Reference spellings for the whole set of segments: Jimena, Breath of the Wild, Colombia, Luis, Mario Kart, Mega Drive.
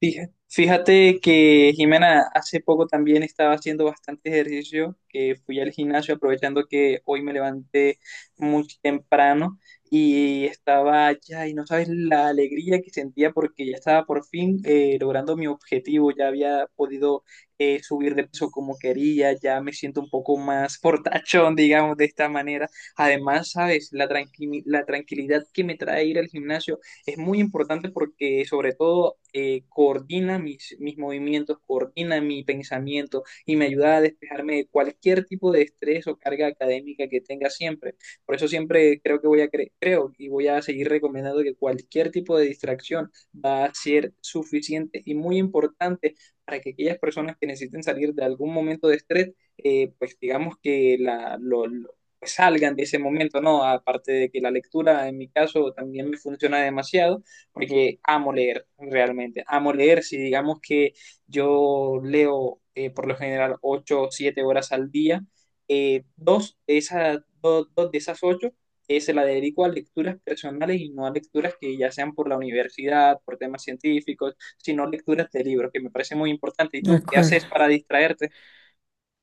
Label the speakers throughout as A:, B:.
A: Fíjate que Jimena hace poco también estaba haciendo bastante ejercicio, que fui al gimnasio aprovechando que hoy me levanté muy temprano y estaba allá y no sabes la alegría que sentía porque ya estaba por fin logrando mi objetivo, ya había podido subir de peso como quería, ya me siento un poco más fortachón, digamos, de esta manera. Además, sabes, la la tranquilidad que me trae ir al gimnasio es muy importante porque sobre todo coordina mis movimientos, coordina mi pensamiento y me ayuda a despejarme de cualquier tipo de estrés o carga académica que tenga siempre. Por eso siempre creo que voy a creo y voy a seguir recomendando que cualquier tipo de distracción va a ser suficiente y muy importante para que aquellas personas que necesiten salir de algún momento de estrés, pues digamos que lo salgan de ese momento, ¿no? Aparte de que la lectura en mi caso también me funciona demasiado, porque amo leer, realmente, amo leer, si digamos que yo leo por lo general 8 o 7 horas al día, dos de esas, dos de esas 8 se la dedico a lecturas personales y no a lecturas que ya sean por la universidad, por temas científicos, sino lecturas de libros, que me parece muy importante. ¿Y
B: De
A: tú qué
B: acuerdo.
A: haces para distraerte?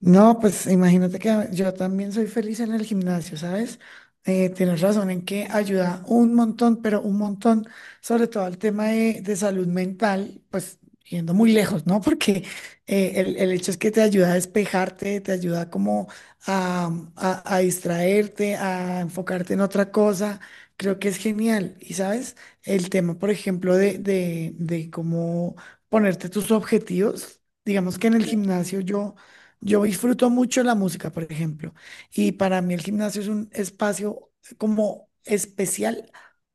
B: No, pues imagínate que yo también soy feliz en el gimnasio, ¿sabes? Tienes razón en que ayuda un montón, pero un montón, sobre todo al tema de salud mental, pues yendo muy lejos, ¿no? Porque el hecho es que te ayuda a despejarte, te ayuda como a distraerte, a enfocarte en otra cosa. Creo que es genial. Y sabes, el tema, por ejemplo, de cómo ponerte tus objetivos, digamos que en el gimnasio yo... Yo disfruto mucho la música, por ejemplo, y para mí el gimnasio es un espacio como especial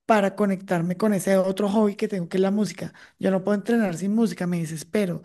B: para conectarme con ese otro hobby que tengo, que es la música. Yo no puedo entrenar sin música, me desespero.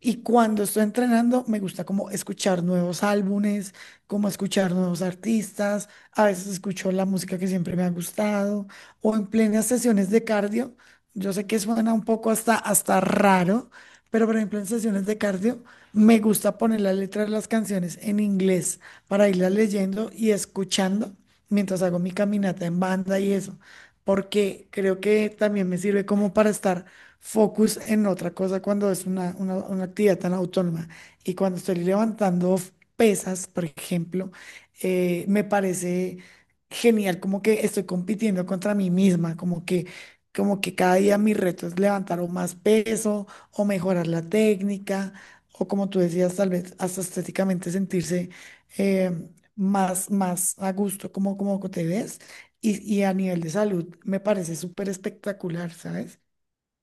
B: Y cuando estoy entrenando, me gusta como escuchar nuevos álbumes, como escuchar nuevos artistas. A veces escucho la música que siempre me ha gustado, o en plenas sesiones de cardio. Yo sé que suena un poco hasta, hasta raro, pero por ejemplo en sesiones de cardio. Me gusta poner las letras de las canciones en inglés para irlas leyendo y escuchando mientras hago mi caminata en banda y eso, porque creo que también me sirve como para estar focus en otra cosa cuando es una, una actividad tan autónoma. Y cuando estoy levantando pesas, por ejemplo, me parece genial como que estoy compitiendo contra mí misma, como que... Como que cada día mi reto es levantar o más peso o mejorar la técnica o como tú decías, tal vez hasta estéticamente sentirse eh, más, más a gusto como, como te ves y a nivel de salud me parece súper espectacular, ¿sabes?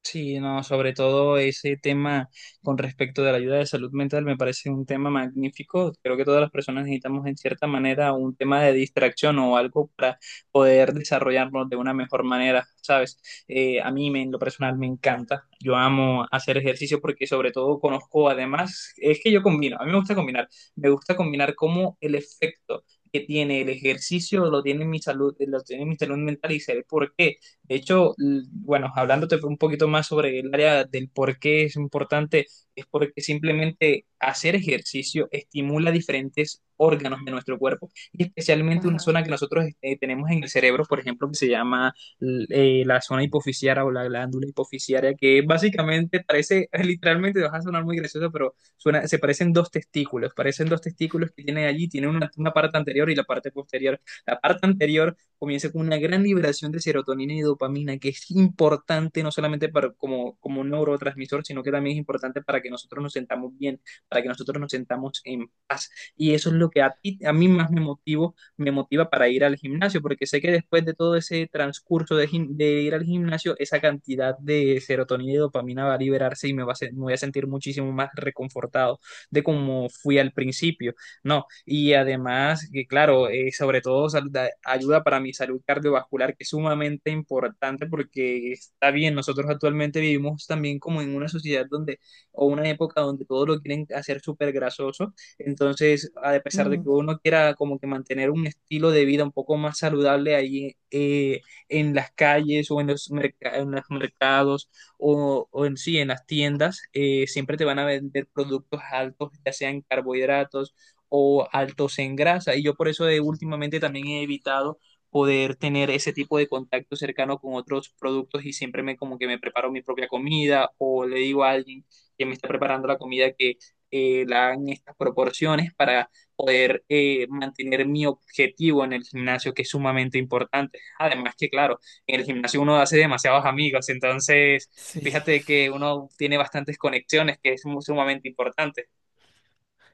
A: Sí, no, sobre todo ese tema con respecto de la ayuda de salud mental me parece un tema magnífico. Creo que todas las personas necesitamos en cierta manera un tema de distracción o algo para poder desarrollarnos de una mejor manera, ¿sabes? A mí en lo personal me encanta. Yo amo hacer ejercicio porque sobre todo conozco, además, es que yo combino, a mí me gusta combinar cómo el efecto que tiene el ejercicio lo tiene en mi salud, lo tiene en mi salud mental y sé el por qué. De hecho, bueno, hablándote un poquito más sobre el área del por qué es importante, es porque simplemente hacer ejercicio estimula diferentes órganos de nuestro cuerpo y especialmente una
B: Ajá.
A: zona que nosotros tenemos en el cerebro, por ejemplo, que se llama la zona hipofisiaria o la glándula hipofisiaria, que básicamente parece, literalmente, vas a sonar muy gracioso, pero suena, se parecen dos testículos que tiene allí, tiene una parte anterior y la parte posterior. La parte anterior comienza con una gran liberación de serotonina y dopamina, que es importante no solamente para, como un neurotransmisor, sino que también es importante para que nosotros nos sentamos bien, para que nosotros nos sentamos en paz. Y eso es lo que a ti, a mí más me motiva para ir al gimnasio, porque sé que después de todo ese transcurso de, de ir al gimnasio, esa cantidad de serotonina y dopamina va a liberarse y me voy a sentir muchísimo más reconfortado de como fui al principio. No, y además, que claro, sobre todo ayuda para mi salud cardiovascular, que es sumamente importante porque está bien, nosotros actualmente vivimos también como en una sociedad donde, o una época donde todo lo quieren hacer súper grasoso, entonces, a pesar de que
B: Mm,
A: uno quiera como que mantener un estilo de vida un poco más saludable ahí en las calles o en en los mercados o en sí, en las tiendas, siempre te van a vender productos altos, ya sean carbohidratos, o altos en grasa. Y yo por eso últimamente también he evitado poder tener ese tipo de contacto cercano con otros productos y siempre me como que me preparo mi propia comida o le digo a alguien que me está preparando la comida que la hagan en estas proporciones para poder mantener mi objetivo en el gimnasio, que es sumamente importante. Además que, claro, en el gimnasio uno hace demasiados amigos, entonces
B: sí.
A: fíjate que uno tiene bastantes conexiones, que es sumamente importante.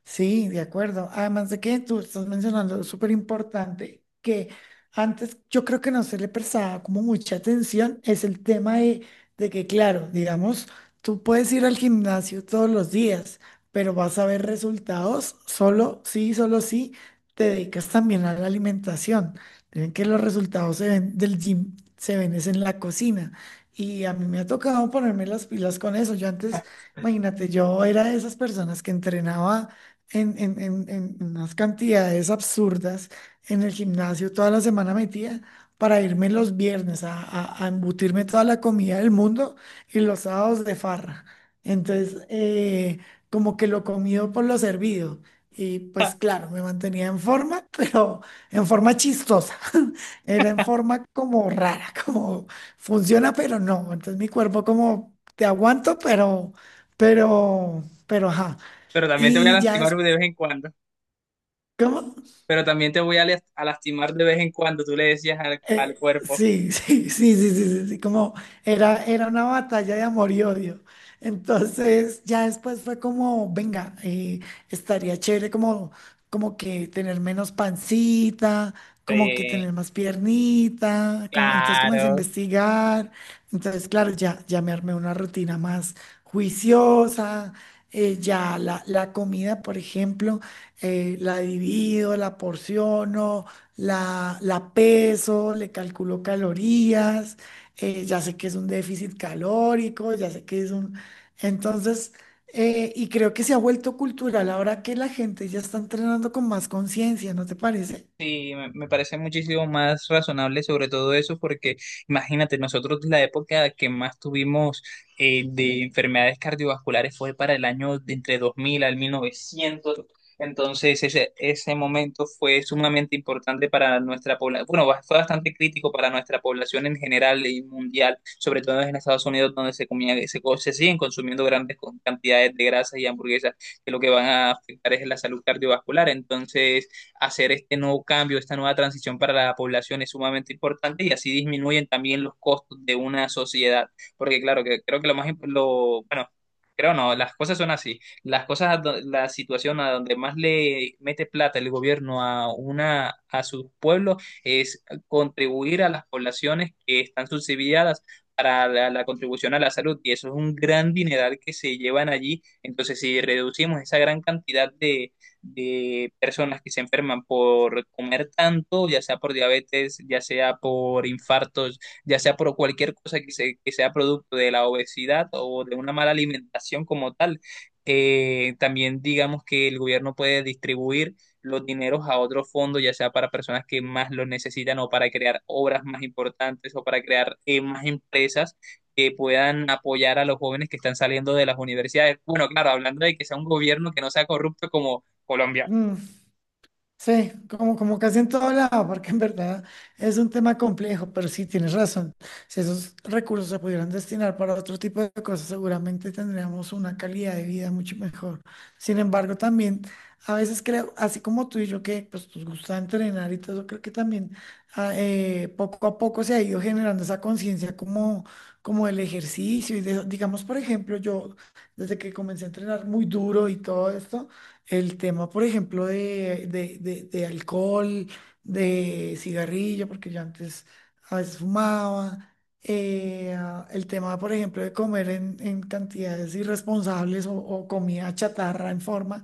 B: Sí, de acuerdo. Además de que tú estás mencionando, es súper importante que antes yo creo que no se le prestaba como mucha atención, es el tema de que, claro, digamos, tú puedes ir al gimnasio todos los días, pero vas a ver resultados solo sí, te dedicas también a la alimentación. Dicen que los resultados se ven del gym, se ven es en la cocina. Y a mí me ha tocado ponerme las pilas con eso. Yo antes, imagínate, yo era de esas personas que entrenaba en unas cantidades absurdas en el gimnasio toda la semana metida para irme los viernes a, a embutirme toda la comida del mundo y los sábados de farra. Entonces, como que lo comido por lo servido. Y pues claro, me mantenía en forma, pero en forma chistosa. Era en forma como rara, como funciona, pero no. Entonces mi cuerpo como te aguanto, pero, ajá.
A: Pero también te voy a
B: Y ya
A: lastimar de vez en cuando.
B: ¿cómo?
A: Pero también te voy a lastimar de vez en cuando, tú le decías al cuerpo.
B: Sí, sí, sí, sí, sí, sí, sí, como era, era una batalla de amor y odio. Entonces, ya después fue como, venga, estaría chévere como, como que tener menos pancita, como que
A: Sí,
B: tener más piernita, como, entonces comencé a
A: claro.
B: investigar. Entonces, claro, ya, ya me armé una rutina más juiciosa. Ya la, la comida, por ejemplo, la divido, la porciono la peso, le calculo calorías, ya sé que es un déficit calórico, ya sé que es un... Entonces, y creo que se ha vuelto cultural ahora que la gente ya está entrenando con más conciencia, ¿no te parece?
A: Sí, me parece muchísimo más razonable sobre todo eso, porque imagínate, nosotros la época que más tuvimos de enfermedades cardiovasculares fue para el año de entre 2000 al 1900, entonces ese momento fue sumamente importante para nuestra población, bueno, fue bastante crítico para nuestra población en general y mundial, sobre todo en Estados Unidos donde se comía, se siguen consumiendo grandes cantidades de grasas y hamburguesas, que lo que van a afectar es la salud cardiovascular, entonces hacer este nuevo cambio, esta nueva transición para la población es sumamente importante y así disminuyen también los costos de una sociedad. Porque claro, que creo que lo bueno, creo no, las cosas son así. Las cosas, a do- La situación a donde más le mete plata el gobierno a una, a sus pueblos es contribuir a las poblaciones que están subsidiadas para la contribución a la salud y eso es un gran dineral que se llevan allí. Entonces, si reducimos esa gran cantidad de personas que se enferman por comer tanto, ya sea por diabetes, ya sea por infartos, ya sea por cualquier cosa que sea producto de la obesidad o de una mala alimentación como tal. También digamos que el gobierno puede distribuir los dineros a otros fondos, ya sea para personas que más lo necesitan o para crear obras más importantes o para crear más empresas que puedan apoyar a los jóvenes que están saliendo de las universidades. Bueno, claro, hablando de que sea un gobierno que no sea corrupto como Colombia.
B: Mm. Sí, como, como casi en todo lado, porque en verdad es un tema complejo, pero sí tienes razón. Si esos recursos se pudieran destinar para otro tipo de cosas, seguramente tendríamos una calidad de vida mucho mejor. Sin embargo, también a veces creo, así como tú y yo, que pues nos gusta entrenar y todo, creo que también poco a poco se ha ido generando esa conciencia como, como el ejercicio. Digamos, por ejemplo, yo desde que comencé a entrenar muy duro y todo esto. El tema, por ejemplo, de alcohol, de cigarrillo, porque yo antes a veces fumaba. El tema, por ejemplo, de comer en cantidades irresponsables o comida chatarra en forma,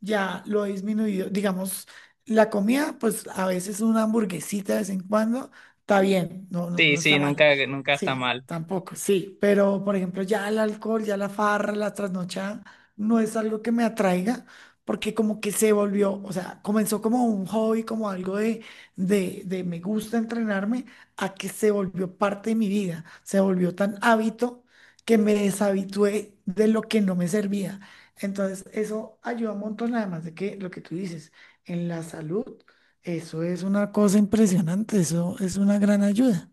B: ya lo he disminuido. Digamos, la comida, pues a veces una hamburguesita de vez en cuando está bien, no, no,
A: Sí,
B: no
A: sí,
B: está mal.
A: nunca, nunca está
B: Sí,
A: mal.
B: tampoco, sí. Pero, por ejemplo, ya el alcohol, ya la farra, la trasnochada, no es algo que me atraiga porque como que se volvió, o sea, comenzó como un hobby, como algo de me gusta entrenarme, a que se volvió parte de mi vida, se volvió tan hábito que me deshabitué de lo que no me servía. Entonces, eso ayuda un montón, además de que lo que tú dices, en la salud, eso es una cosa impresionante, eso es una gran ayuda.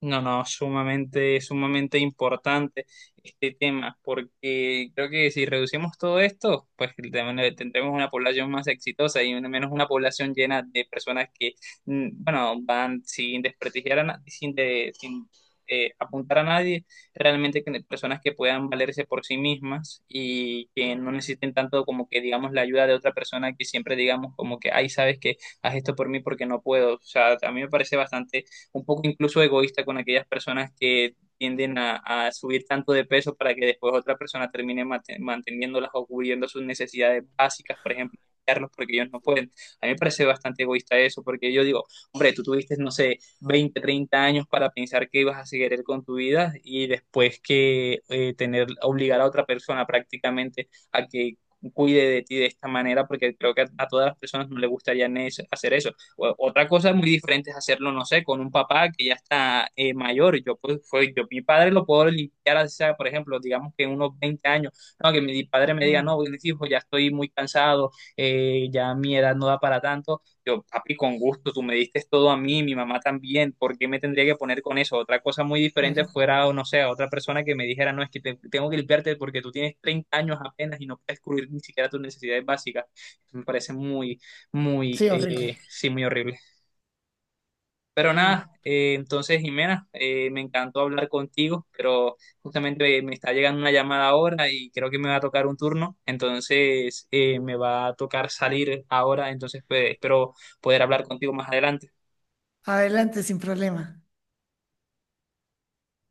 A: No, no, sumamente, sumamente importante este tema, porque creo que si reducimos todo esto, pues también tendremos una población más exitosa y menos una población llena de personas que, mm, bueno, van sin desprestigiar a sin apuntar a nadie, realmente personas que puedan valerse por sí mismas y que no necesiten tanto como que, digamos, la ayuda de otra persona que siempre digamos como que, ay, sabes que haz esto por mí porque no puedo. O sea, a mí me parece bastante un poco incluso egoísta con aquellas personas que tienden a subir tanto de peso para que después otra persona termine manteniéndolas o cubriendo sus necesidades básicas, por ejemplo, cuidarlos porque ellos no pueden. A mí me parece bastante egoísta eso, porque yo digo, hombre, tú tuviste, no sé, 20, 30 años para pensar que ibas a seguir con tu vida y después que tener, obligar a otra persona prácticamente a que cuide de ti de esta manera, porque creo que a todas las personas no les gustaría hacer eso. Otra cosa muy diferente es hacerlo, no sé, con un papá que ya está mayor. Yo, pues, yo, mi padre lo puedo limpiar, así sea, por ejemplo, digamos que en unos 20 años, no, que mi padre me diga, no,
B: Mm,
A: Luis, hijo, ya estoy muy cansado, ya mi edad no da para tanto. Yo, papi, con gusto, tú me diste todo a mí, mi mamá también, ¿por qué me tendría que poner con eso? Otra cosa muy diferente
B: claro,
A: fuera, o no sé, otra persona que me dijera, no, es que tengo que limpiarte porque tú tienes 30 años apenas y no puedes cubrir ni siquiera tus necesidades básicas. Me parece muy
B: sí, horrible.
A: muy horrible. Pero
B: No.
A: nada, entonces Jimena, me encantó hablar contigo, pero justamente me está llegando una llamada ahora y creo que me va a tocar un turno, entonces me va a tocar salir ahora, entonces pues, espero poder hablar contigo más adelante.
B: Adelante, sin problema.